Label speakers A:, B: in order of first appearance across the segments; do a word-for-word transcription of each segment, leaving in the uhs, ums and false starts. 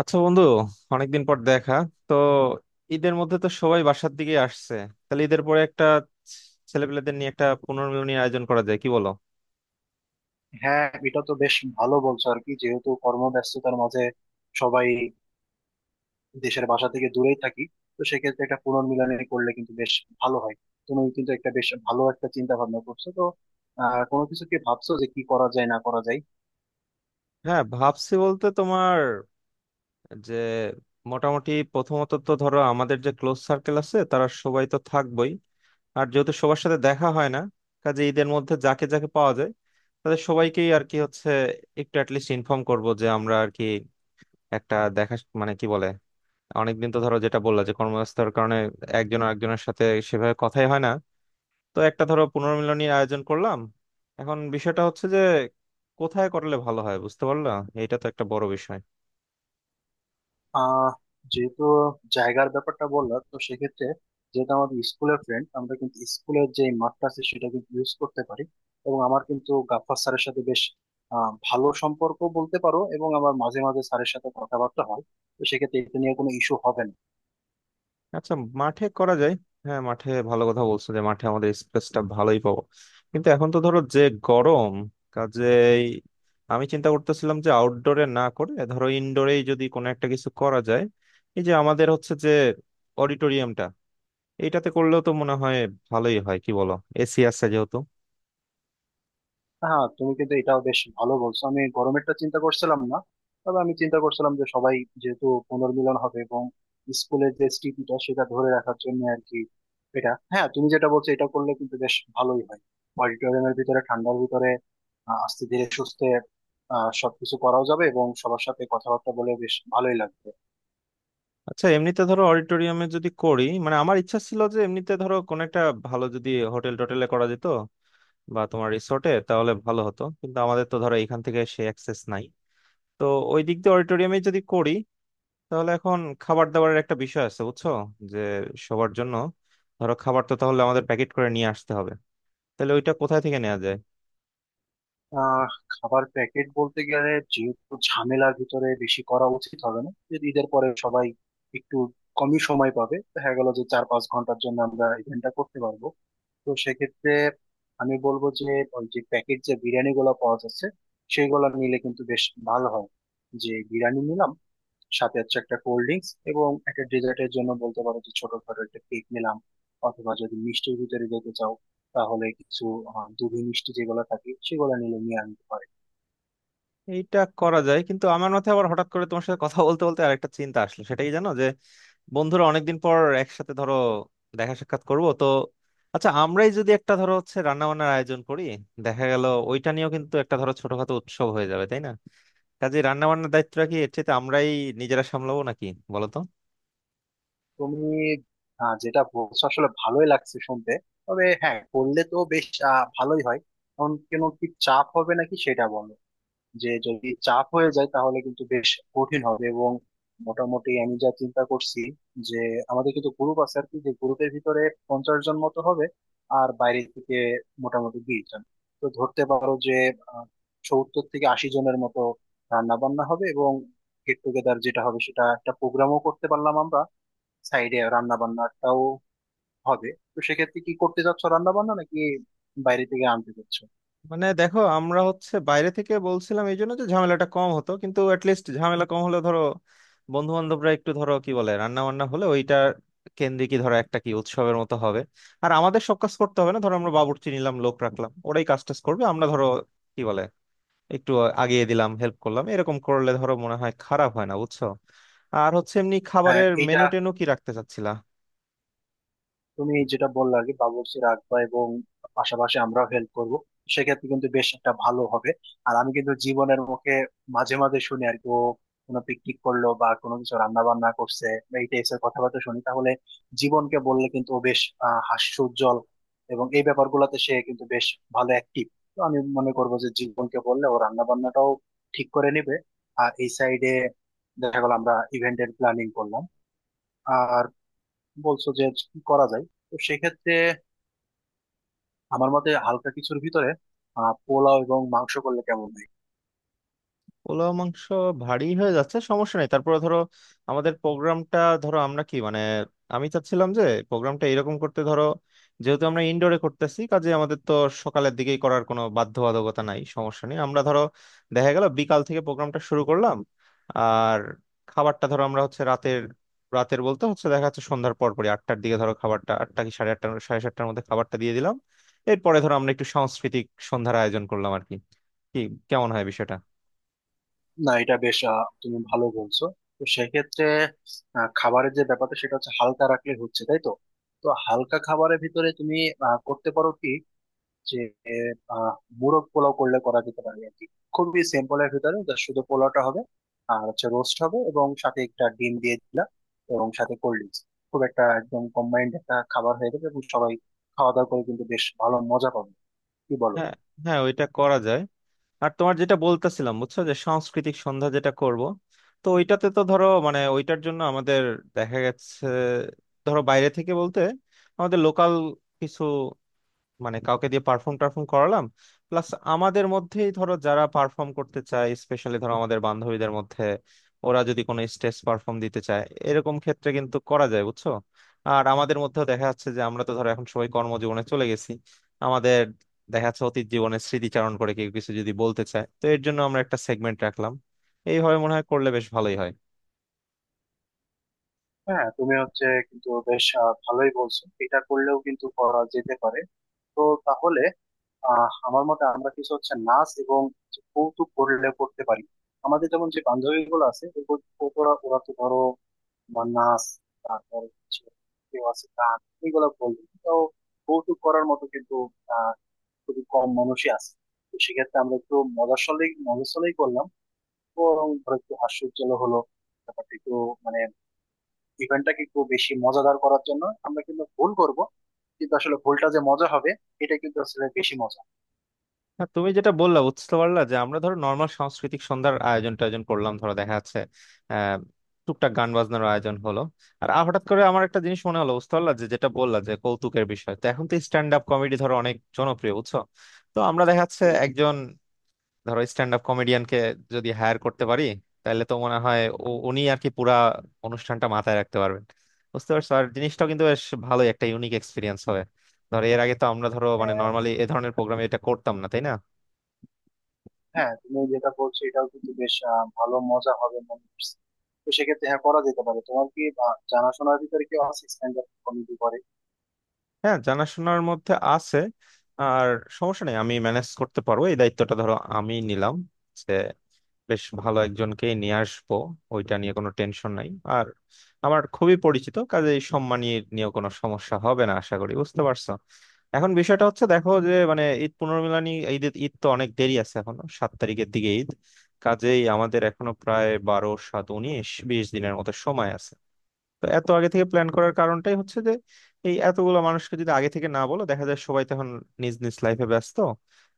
A: আচ্ছা বন্ধু, অনেকদিন পর দেখা। তো ঈদের মধ্যে তো সবাই বাসার দিকে আসছে। তাহলে ঈদের পরে একটা ছেলেপেলেদের নিয়ে একটা পুনর্মিলনীর আয়োজন করা যায়, কি বলো?
B: হ্যাঁ, এটা তো বেশ ভালো বলছো আর কি। যেহেতু কর্মব্যস্ততার মাঝে সবাই দেশের বাসা থেকে দূরেই থাকি, তো সেক্ষেত্রে একটা পুনর্মিলনী করলে কিন্তু বেশ ভালো হয়। তুমি কিন্তু একটা বেশ ভালো একটা চিন্তা ভাবনা করছো তো। আহ কোনো কিছু কি ভাবছো যে কি করা যায় না করা যায়?
A: হ্যাঁ, ভাবছি বলতে তোমার যে মোটামুটি প্রথমত তো ধরো আমাদের যে ক্লোজ সার্কেল আছে তারা সবাই তো থাকবই। আর যেহেতু সবার সাথে দেখা হয় না, কাজে ঈদের মধ্যে যাকে যাকে পাওয়া যায় তাদের সবাইকেই আর কি হচ্ছে একটু অ্যাটলিস্ট ইনফর্ম করব যে আমরা আর কি একটা দেখা, মানে কি বলে, অনেকদিন তো ধরো, যেটা বললা যে কর্মব্যস্ততার কারণে একজন আরেকজনের সাথে সেভাবে কথাই হয় না। তো একটা ধরো পুনর্মিলনীর আয়োজন করলাম। এখন বিষয়টা হচ্ছে যে কোথায় করলে ভালো হয়, বুঝতে পারলা? এটা তো একটা বড় বিষয়।
B: আহ যেহেতু জায়গার ব্যাপারটা বললাম, তো সেক্ষেত্রে যেহেতু আমাদের স্কুলের ফ্রেন্ড, আমরা কিন্তু স্কুলের যে মাঠটা আছে সেটা কিন্তু ইউজ করতে পারি। এবং আমার কিন্তু গাফফার স্যারের সাথে বেশ আহ, ভালো সম্পর্ক বলতে পারো, এবং আমার মাঝে মাঝে স্যারের সাথে কথাবার্তা হয়। তো সেক্ষেত্রে এটা নিয়ে কোনো ইস্যু হবে না।
A: আচ্ছা, মাঠে করা যায়। হ্যাঁ, মাঠে ভালো কথা বলছো, যে মাঠে আমাদের স্পেসটা ভালোই পাবো। কিন্তু এখন তো ধরো যে গরম, কাজেই আমি চিন্তা করতেছিলাম যে আউটডোরে না করে ধরো ইনডোরেই যদি কোনো একটা কিছু করা যায়। এই যে আমাদের হচ্ছে যে অডিটোরিয়ামটা, এইটাতে করলেও তো মনে হয় ভালোই হয়, কি বলো? এসি আছে যেহেতু।
B: হ্যাঁ, তুমি কিন্তু এটাও বেশ ভালো বলছো, আমি গরমেরটা চিন্তা করছিলাম না। তবে আমি চিন্তা করছিলাম যে সবাই যেহেতু পুনর্মিলন হবে এবং স্কুলের যে স্মৃতিটা সেটা ধরে রাখার জন্য আর কি। এটা হ্যাঁ, তুমি যেটা বলছো এটা করলে কিন্তু বেশ ভালোই হয়। অডিটোরিয়ামের ভিতরে, ঠান্ডার ভিতরে আহ, আস্তে ধীরে সুস্থে আহ সবকিছু করাও যাবে, এবং সবার সাথে কথাবার্তা বলে বেশ ভালোই লাগবে।
A: আচ্ছা, এমনিতে ধরো অডিটোরিয়ামে যদি করি, মানে আমার ইচ্ছা ছিল যে এমনিতে ধরো কোন একটা ভালো যদি হোটেল টোটেলে করা যেত বা তোমার রিসোর্টে, তাহলে ভালো হতো। কিন্তু আমাদের তো ধরো এখান থেকে সে অ্যাক্সেস নাই। তো ওই দিক দিয়ে অডিটোরিয়ামে যদি করি, তাহলে এখন খাবার দাবারের একটা বিষয় আছে, বুঝছো? যে সবার জন্য ধরো খাবার তো তাহলে আমাদের প্যাকেট করে নিয়ে আসতে হবে। তাহলে ওইটা কোথায় থেকে নেওয়া যায়?
B: আহ খাবার প্যাকেট বলতে গেলে, যেহেতু ঝামেলার ভিতরে বেশি করা উচিত হবে না, যদি ঈদের পরে সবাই একটু কমই সময় পাবে, দেখা গেল যে চার পাঁচ ঘন্টার জন্য আমরা ইভেন্টটা করতে পারবো। তো সেক্ষেত্রে আমি বলবো যে ওই যে প্যাকেট যে বিরিয়ানি গুলো পাওয়া যাচ্ছে সেগুলো নিলে কিন্তু বেশ ভালো হয়। যে বিরিয়ানি নিলাম, সাথে হচ্ছে একটা কোল্ড ড্রিঙ্কস এবং একটা ডেজার্টের জন্য বলতে পারো যে ছোটখাটো একটা কেক নিলাম। অথবা যদি মিষ্টির ভিতরে যেতে চাও, তাহলে কিছু আহ, দুধি মিষ্টি যেগুলো থাকে সেগুলো নিলে নিয়ে আনতে পারে।
A: এইটা করা যায়, কিন্তু আমার মাথায় আবার হঠাৎ করে তোমার সাথে কথা বলতে বলতে আরেকটা চিন্তা আসলো সেটাই জানো, যে বন্ধুরা অনেকদিন পর একসাথে ধরো দেখা সাক্ষাৎ করব তো, আচ্ছা, আমরাই যদি একটা ধরো হচ্ছে রান্না বান্নার আয়োজন করি, দেখা গেল ওইটা নিয়েও কিন্তু একটা ধরো ছোটখাটো উৎসব হয়ে যাবে, তাই না? কাজে রান্না বান্নার দায়িত্বটা কি এর চেয়ে আমরাই নিজেরা সামলাবো নাকি, বলো তো।
B: তুমি আহ, যেটা বলছো আসলে ভালোই লাগছে শুনতে। তবে হ্যাঁ, করলে তো বেশ আহ, ভালোই হয়। কারণ কেন, কি চাপ হবে নাকি সেটা বলো। যে যদি চাপ হয়ে যায় তাহলে কিন্তু বেশ কঠিন হবে। এবং মোটামুটি আমি যা চিন্তা করছি, যে আমাদের কিন্তু গ্রুপ আছে আর কি, যে গ্রুপের ভিতরে পঞ্চাশ জন মতো হবে। আর বাইরে থেকে মোটামুটি বিশ জন। তো ধরতে পারো যে আহ, সত্তর থেকে আশি জনের মতো রান্না বান্না হবে। এবং গেট টুগেদার যেটা হবে সেটা একটা প্রোগ্রামও করতে পারলাম আমরা, সাইডে রান্না বান্নাটাও হবে। তো সেক্ষেত্রে কি করতে চাচ্ছ, রান্না বান্না নাকি বাইরে থেকে আনতে চাচ্ছ?
A: মানে দেখো, আমরা হচ্ছে বাইরে থেকে বলছিলাম এই জন্য যে ঝামেলাটা কম হতো। কিন্তু অ্যাটলিস্ট ঝামেলা কম হলে ধরো বন্ধু বান্ধবরা একটু ধরো কি বলে, রান্না বান্না হলে ওইটা কেন্দ্রিক ধরো একটা কি উৎসবের মতো হবে। আর আমাদের সব কাজ করতে হবে না, ধরো আমরা বাবুর্চি নিলাম, লোক রাখলাম, ওরাই কাজ টাজ করবে, আমরা ধরো কি বলে একটু আগিয়ে দিলাম, হেল্প করলাম, এরকম করলে ধরো মনে হয় খারাপ হয় না, বুঝছো? আর হচ্ছে এমনি
B: হ্যাঁ,
A: খাবারের
B: এইটা
A: মেনু টেনু কি রাখতে চাচ্ছিলা?
B: তুমি যেটা বললে আর কি, বাবুর্চি রাখবা এবং পাশাপাশি আমরাও হেল্প করব, সেক্ষেত্রে কিন্তু বেশ একটা ভালো হবে। আর আমি কিন্তু জীবনের মুখে মাঝে মাঝে শুনি আর কি, ও কোনো পিকনিক করলো বা কোনো কিছু রান্না বান্না করছে বা এই টাইপের কথাবার্তা শুনি। তাহলে জীবনকে বললে কিন্তু ও বেশ আহ হাস্যোজ্জ্বল, এবং এই ব্যাপারগুলোতে সে কিন্তু বেশ ভালো অ্যাক্টিভ। তো আমি মনে করবো যে জীবনকে বললে ও রান্না বান্নাটাও ঠিক করে নেবে। আর এই সাইডে দেখা গেল আমরা ইভেন্টের প্ল্যানিং করলাম। আর বলছো যে কি করা যায়, তো সেক্ষেত্রে আমার মতে হালকা কিছুর ভিতরে আহ, পোলাও এবং মাংস করলে কেমন হয়?
A: পোলাও মাংস ভারী হয়ে যাচ্ছে, সমস্যা নেই। তারপরে ধরো আমাদের প্রোগ্রামটা ধরো আমরা কি মানে, আমি চাচ্ছিলাম যে প্রোগ্রামটা এরকম করতে, ধরো যেহেতু আমরা ইনডোরে করতেছি, কাজে আমাদের তো সকালের দিকেই করার কোনো বাধ্যবাধকতা নাই, সমস্যা নেই। আমরা ধরো দেখা গেল বিকাল থেকে প্রোগ্রামটা শুরু করলাম। আর খাবারটা ধরো আমরা হচ্ছে রাতের, রাতের বলতে হচ্ছে দেখা যাচ্ছে সন্ধ্যার পর পরই আটটার দিকে ধরো, খাবারটা আটটা কি সাড়ে আটটা সাড়ে সাতটার মধ্যে খাবারটা দিয়ে দিলাম। এরপরে ধরো আমরা একটু সাংস্কৃতিক সন্ধ্যার আয়োজন করলাম আর কি। কি কেমন হয় বিষয়টা?
B: না, এটা বেশ, আহ, তুমি ভালো বলছো। তো সেক্ষেত্রে আহ, খাবারের যে ব্যাপারটা সেটা হচ্ছে হালকা রাখলে হচ্ছে, তাই তো। তো হালকা খাবারের ভিতরে তুমি আহ, করতে পারো কি, যে আহ, মোরগ পোলাও করলে করা যেতে পারে আর কি। খুবই সিম্পল এর ভিতরে যা শুধু পোলাওটা হবে, আর হচ্ছে রোস্ট হবে এবং সাথে একটা ডিম দিয়ে দিলাম, এবং সাথে কোল্ড ড্রিঙ্কস। খুব একটা একদম কম্বাইন্ড একটা খাবার হয়ে যাবে, এবং সবাই খাওয়া দাওয়া করে কিন্তু বেশ ভালো মজা পাবে। কি বলো?
A: হ্যাঁ, হ্যাঁ, ওইটা করা যায়। আর তোমার যেটা বলতেছিলাম, বুঝছো, যে সাংস্কৃতিক সন্ধ্যা যেটা করব, তো ওইটাতে তো ধরো মানে ওইটার জন্য আমাদের দেখা গেছে ধরো বাইরে থেকে বলতে আমাদের লোকাল কিছু মানে কাউকে দিয়ে পারফর্ম টারফর্ম করালাম, প্লাস আমাদের মধ্যেই ধরো যারা পারফর্ম করতে চায়, স্পেশালি ধরো আমাদের বান্ধবীদের মধ্যে ওরা যদি কোনো স্টেজ পারফর্ম দিতে চায়, এরকম ক্ষেত্রে কিন্তু করা যায়, বুঝছো? আর আমাদের মধ্যেও দেখা যাচ্ছে যে আমরা তো ধরো এখন সবাই কর্মজীবনে চলে গেছি, আমাদের দেখা যাচ্ছে অতীত জীবনের স্মৃতিচারণ করে কেউ কিছু যদি বলতে চায়, তো এর জন্য আমরা একটা সেগমেন্ট রাখলাম। এইভাবে মনে হয় করলে বেশ ভালোই হয়।
B: হ্যাঁ, তুমি হচ্ছে কিন্তু বেশ আহ, ভালোই বলছো, এটা করলেও কিন্তু করা যেতে পারে। তো তাহলে আহ আমার মতে আমরা কিছু হচ্ছে নাচ এবং কৌতুক করলে করতে পারি। আমাদের যেমন যে বান্ধবী গুলো আছে, ওরা ওরা তো ধরো, তোমার নাচ, তারপর হচ্ছে কেউ আছে গান, এগুলো বলি তো। কৌতুক করার মতো কিন্তু আহ খুবই কম মানুষই আছে। তো সেক্ষেত্রে আমরা একটু মজাশালেই মজাশালেই করলাম, তো ধরো একটু হাস্যোজ্জ্বল হলো ব্যাপারটা একটু, মানে ইভেন্টটাকে একটু বেশি মজাদার করার জন্য আমরা কিন্তু ভুল করব। কিন্তু আসলে ভুলটা যে মজা হবে, এটা কিন্তু আসলে বেশি মজা।
A: হ্যাঁ, তুমি যেটা বললা বুঝতে পারলা, যে আমরা ধরো নর্মাল সাংস্কৃতিক সন্ধ্যার আয়োজন টায়োজন করলাম, ধরো দেখা যাচ্ছে আহ টুকটাক গান বাজনার আয়োজন হলো। আর আ- হঠাৎ করে আমার একটা জিনিস মনে হলো, বুঝতে পারলা, যে যেটা বললা যে কৌতুকের বিষয়, তো এখন তো স্ট্যান্ড আপ কমেডি ধরো অনেক জনপ্রিয়, বুঝছো? তো আমরা দেখা যাচ্ছে একজন ধরো স্ট্যান্ড আপ কমেডিয়ানকে যদি হায়ার করতে পারি, তাহলে তো মনে হয় উ- উনি আর কি পুরা অনুষ্ঠানটা মাথায় রাখতে পারবেন, বুঝতে পারছো? আর জিনিসটাও কিন্তু বেশ ভালোই একটা ইউনিক এক্সপিরিয়েন্স হবে। ধরো এর আগে তো আমরা ধরো মানে
B: হম
A: নর্মালি এ ধরনের প্রোগ্রামে এটা করতাম না, তাই না?
B: হ্যাঁ, তুমি যেটা বলছো এটাও কিন্তু বেশ আহ, ভালো মজা হবে মনে হচ্ছে। তো সেক্ষেত্রে হ্যাঁ, করা যেতে পারে। তোমার কি আহ, জানাশোনার ভিতরে কেউ আছে স্ট্যান্ড আপ কমেডি করে?
A: হ্যাঁ, জানাশোনার মধ্যে আছে। আর সমস্যা নেই, আমি ম্যানেজ করতে পারবো। এই দায়িত্বটা ধরো আমি নিলাম, যে বেশ ভালো একজনকেই নিয়ে আসবো। ওইটা নিয়ে কোনো টেনশন নাই। আর আমার খুবই পরিচিত, কাজে এই সম্মানীয় নিয়ে নিয়েও কোনো সমস্যা হবে না আশা করি, বুঝতে পারছো? এখন বিষয়টা হচ্ছে দেখো যে, মানে ঈদ পুনর্মিলনী, ঈদ ঈদ তো অনেক দেরি আছে এখনো, সাত তারিখের দিকে ঈদ। কাজেই আমাদের এখনো প্রায় বারো সাত উনিশ বিশ দিনের মতো সময় আছে। তো এত আগে থেকে প্ল্যান করার কারণটাই হচ্ছে যে এই এতগুলো মানুষকে যদি আগে থেকে না বলো, দেখা যায় সবাই তখন নিজ নিজ লাইফে ব্যস্ত,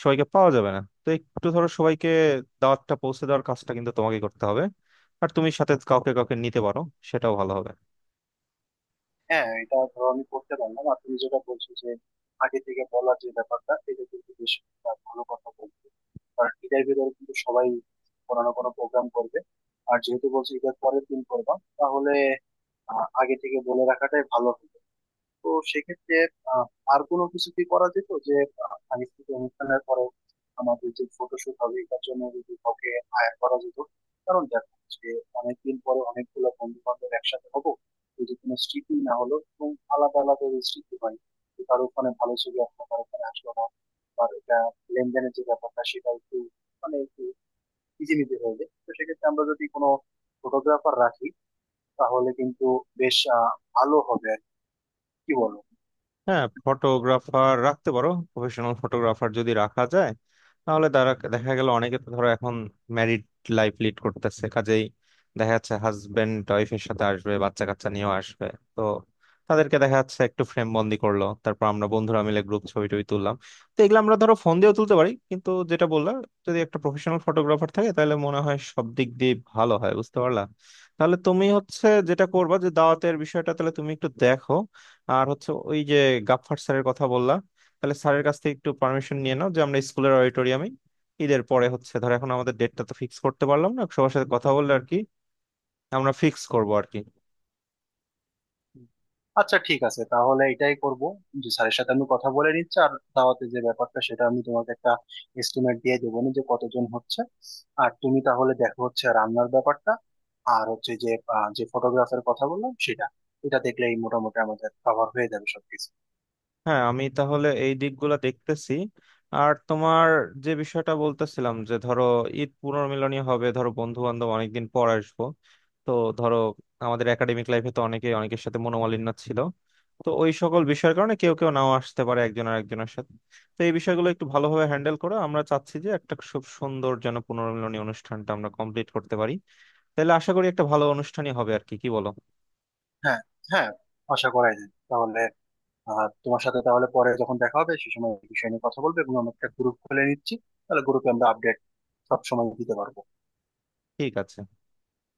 A: সবাইকে পাওয়া যাবে না। তো একটু ধরো সবাইকে দাওয়াতটা পৌঁছে দেওয়ার কাজটা কিন্তু তোমাকে করতে হবে। আর তুমি সাথে কাউকে কাউকে নিতে পারো, সেটাও ভালো হবে।
B: হ্যাঁ, এটা ধরো আমি করতে পারলাম। আর তুমি যেটা বলছো যে আগে থেকে বলার যে ব্যাপারটা, এটা কিন্তু বেশ একটা ভালো কথা বলছো। কারণ ঈদের ভিতরে কিন্তু সবাই কোনো না কোনো প্রোগ্রাম করবে। আর যেহেতু বলছো ঈদের পরের দিন করবা, তাহলে আহ, আগে থেকে বলে রাখাটাই ভালো। তো সেক্ষেত্রে আহ, আর কোনো কিছু কি করা যেত, যে আহ, সাংস্কৃতিক অনুষ্ঠানের পরে আমাদের যে ফটোশুট হবে এটার জন্য যদি কাউকে hire করা যেত। কারণ দেখো যে অনেকদিন পরে অনেকগুলো বন্ধু বান্ধব একসাথে হবো, যদি কোনো স্মৃতি না হলো, এবং আলাদা আলাদা যে স্মৃতি হয়, যে কারো ওখানে ভালো ছবি আসলো কারো ওখানে আসলো না, বা এটা লেনদেনের যে ব্যাপারটা সেটা একটু মানে একটু ইজিমিজি হয়ে যায়। তো সেক্ষেত্রে আমরা যদি কোনো ফটোগ্রাফার রাখি, তাহলে কিন্তু বেশ আহ, ভালো হবে আর কি। কি বলো?
A: হ্যাঁ, ফটোগ্রাফার রাখতে পারো, প্রফেশনাল ফটোগ্রাফার যদি রাখা যায়, তাহলে তারা দেখা গেল, অনেকে তো ধরো এখন ম্যারিড লাইফ লিড করতেছে, কাজেই দেখা যাচ্ছে হাজবেন্ড ওয়াইফের সাথে আসবে, বাচ্চা কাচ্চা নিয়েও আসবে। তো তাদেরকে দেখা যাচ্ছে একটু ফ্রেম বন্দি করলো, তারপর আমরা বন্ধুরা মিলে গ্রুপ ছবি টবি তুললাম। তো এগুলো আমরা ধরো ফোন দিয়েও তুলতে পারি, কিন্তু যেটা বললাম, যদি একটা প্রফেশনাল ফটোগ্রাফার থাকে তাহলে মনে হয় সব দিক দিয়ে ভালো হয়, বুঝতে পারলা? তাহলে তুমি হচ্ছে যেটা করবা, যে দাওয়াতের বিষয়টা তাহলে তুমি একটু দেখো। আর হচ্ছে ওই যে গাফফার স্যারের কথা বললা, তাহলে স্যারের কাছ থেকে একটু পারমিশন নিয়ে নাও, যে আমরা স্কুলের অডিটোরিয়ামে ঈদের পরে হচ্ছে, ধর এখন আমাদের ডেটটা তো ফিক্স করতে পারলাম না, সবার সাথে কথা বললে আর কি আমরা ফিক্স করবো আর কি।
B: আচ্ছা, ঠিক আছে, তাহলে এটাই করব। যে স্যারের সাথে আমি কথা বলে নিচ্ছি, আর দাওয়াতে যে ব্যাপারটা সেটা আমি তোমাকে একটা এস্টিমেট দিয়ে দেবো না, যে কতজন হচ্ছে। আর তুমি তাহলে দেখো হচ্ছে রান্নার ব্যাপারটা। আর হচ্ছে যে আহ, যে ফটোগ্রাফের কথা বললাম সেটা, এটা দেখলেই মোটামুটি আমাদের কভার হয়ে যাবে সবকিছু।
A: হ্যাঁ, আমি তাহলে এই দিকগুলো দেখতেছি। আর তোমার যে বিষয়টা বলতেছিলাম, যে ধরো ঈদ পুনর্মিলনী হবে ধরো, বন্ধু বান্ধব অনেকদিন পর আসবো, তো ধরো আমাদের একাডেমিক লাইফে তো অনেকে অনেকের সাথে মনোমালিন্য ছিল। তো ওই সকল বিষয়ের কারণে কেউ কেউ নাও আসতে পারে একজন আর একজনের সাথে। তো এই বিষয়গুলো একটু ভালোভাবে হ্যান্ডেল করো। আমরা চাচ্ছি যে একটা খুব সুন্দর যেন পুনর্মিলনী অনুষ্ঠানটা আমরা কমপ্লিট করতে পারি। তাহলে আশা করি একটা ভালো অনুষ্ঠানই হবে আর কি, কি বলো?
B: হ্যাঁ, হ্যাঁ, আশা করাই যায় তাহলে। আহ, তোমার সাথে তাহলে পরে যখন দেখা হবে সে সময় এই বিষয় নিয়ে কথা বলবে, এবং আমরা একটা গ্রুপ খুলে নিচ্ছি, তাহলে গ্রুপে আমরা আপডেট সব সময় দিতে পারবো।
A: ঠিক আছে।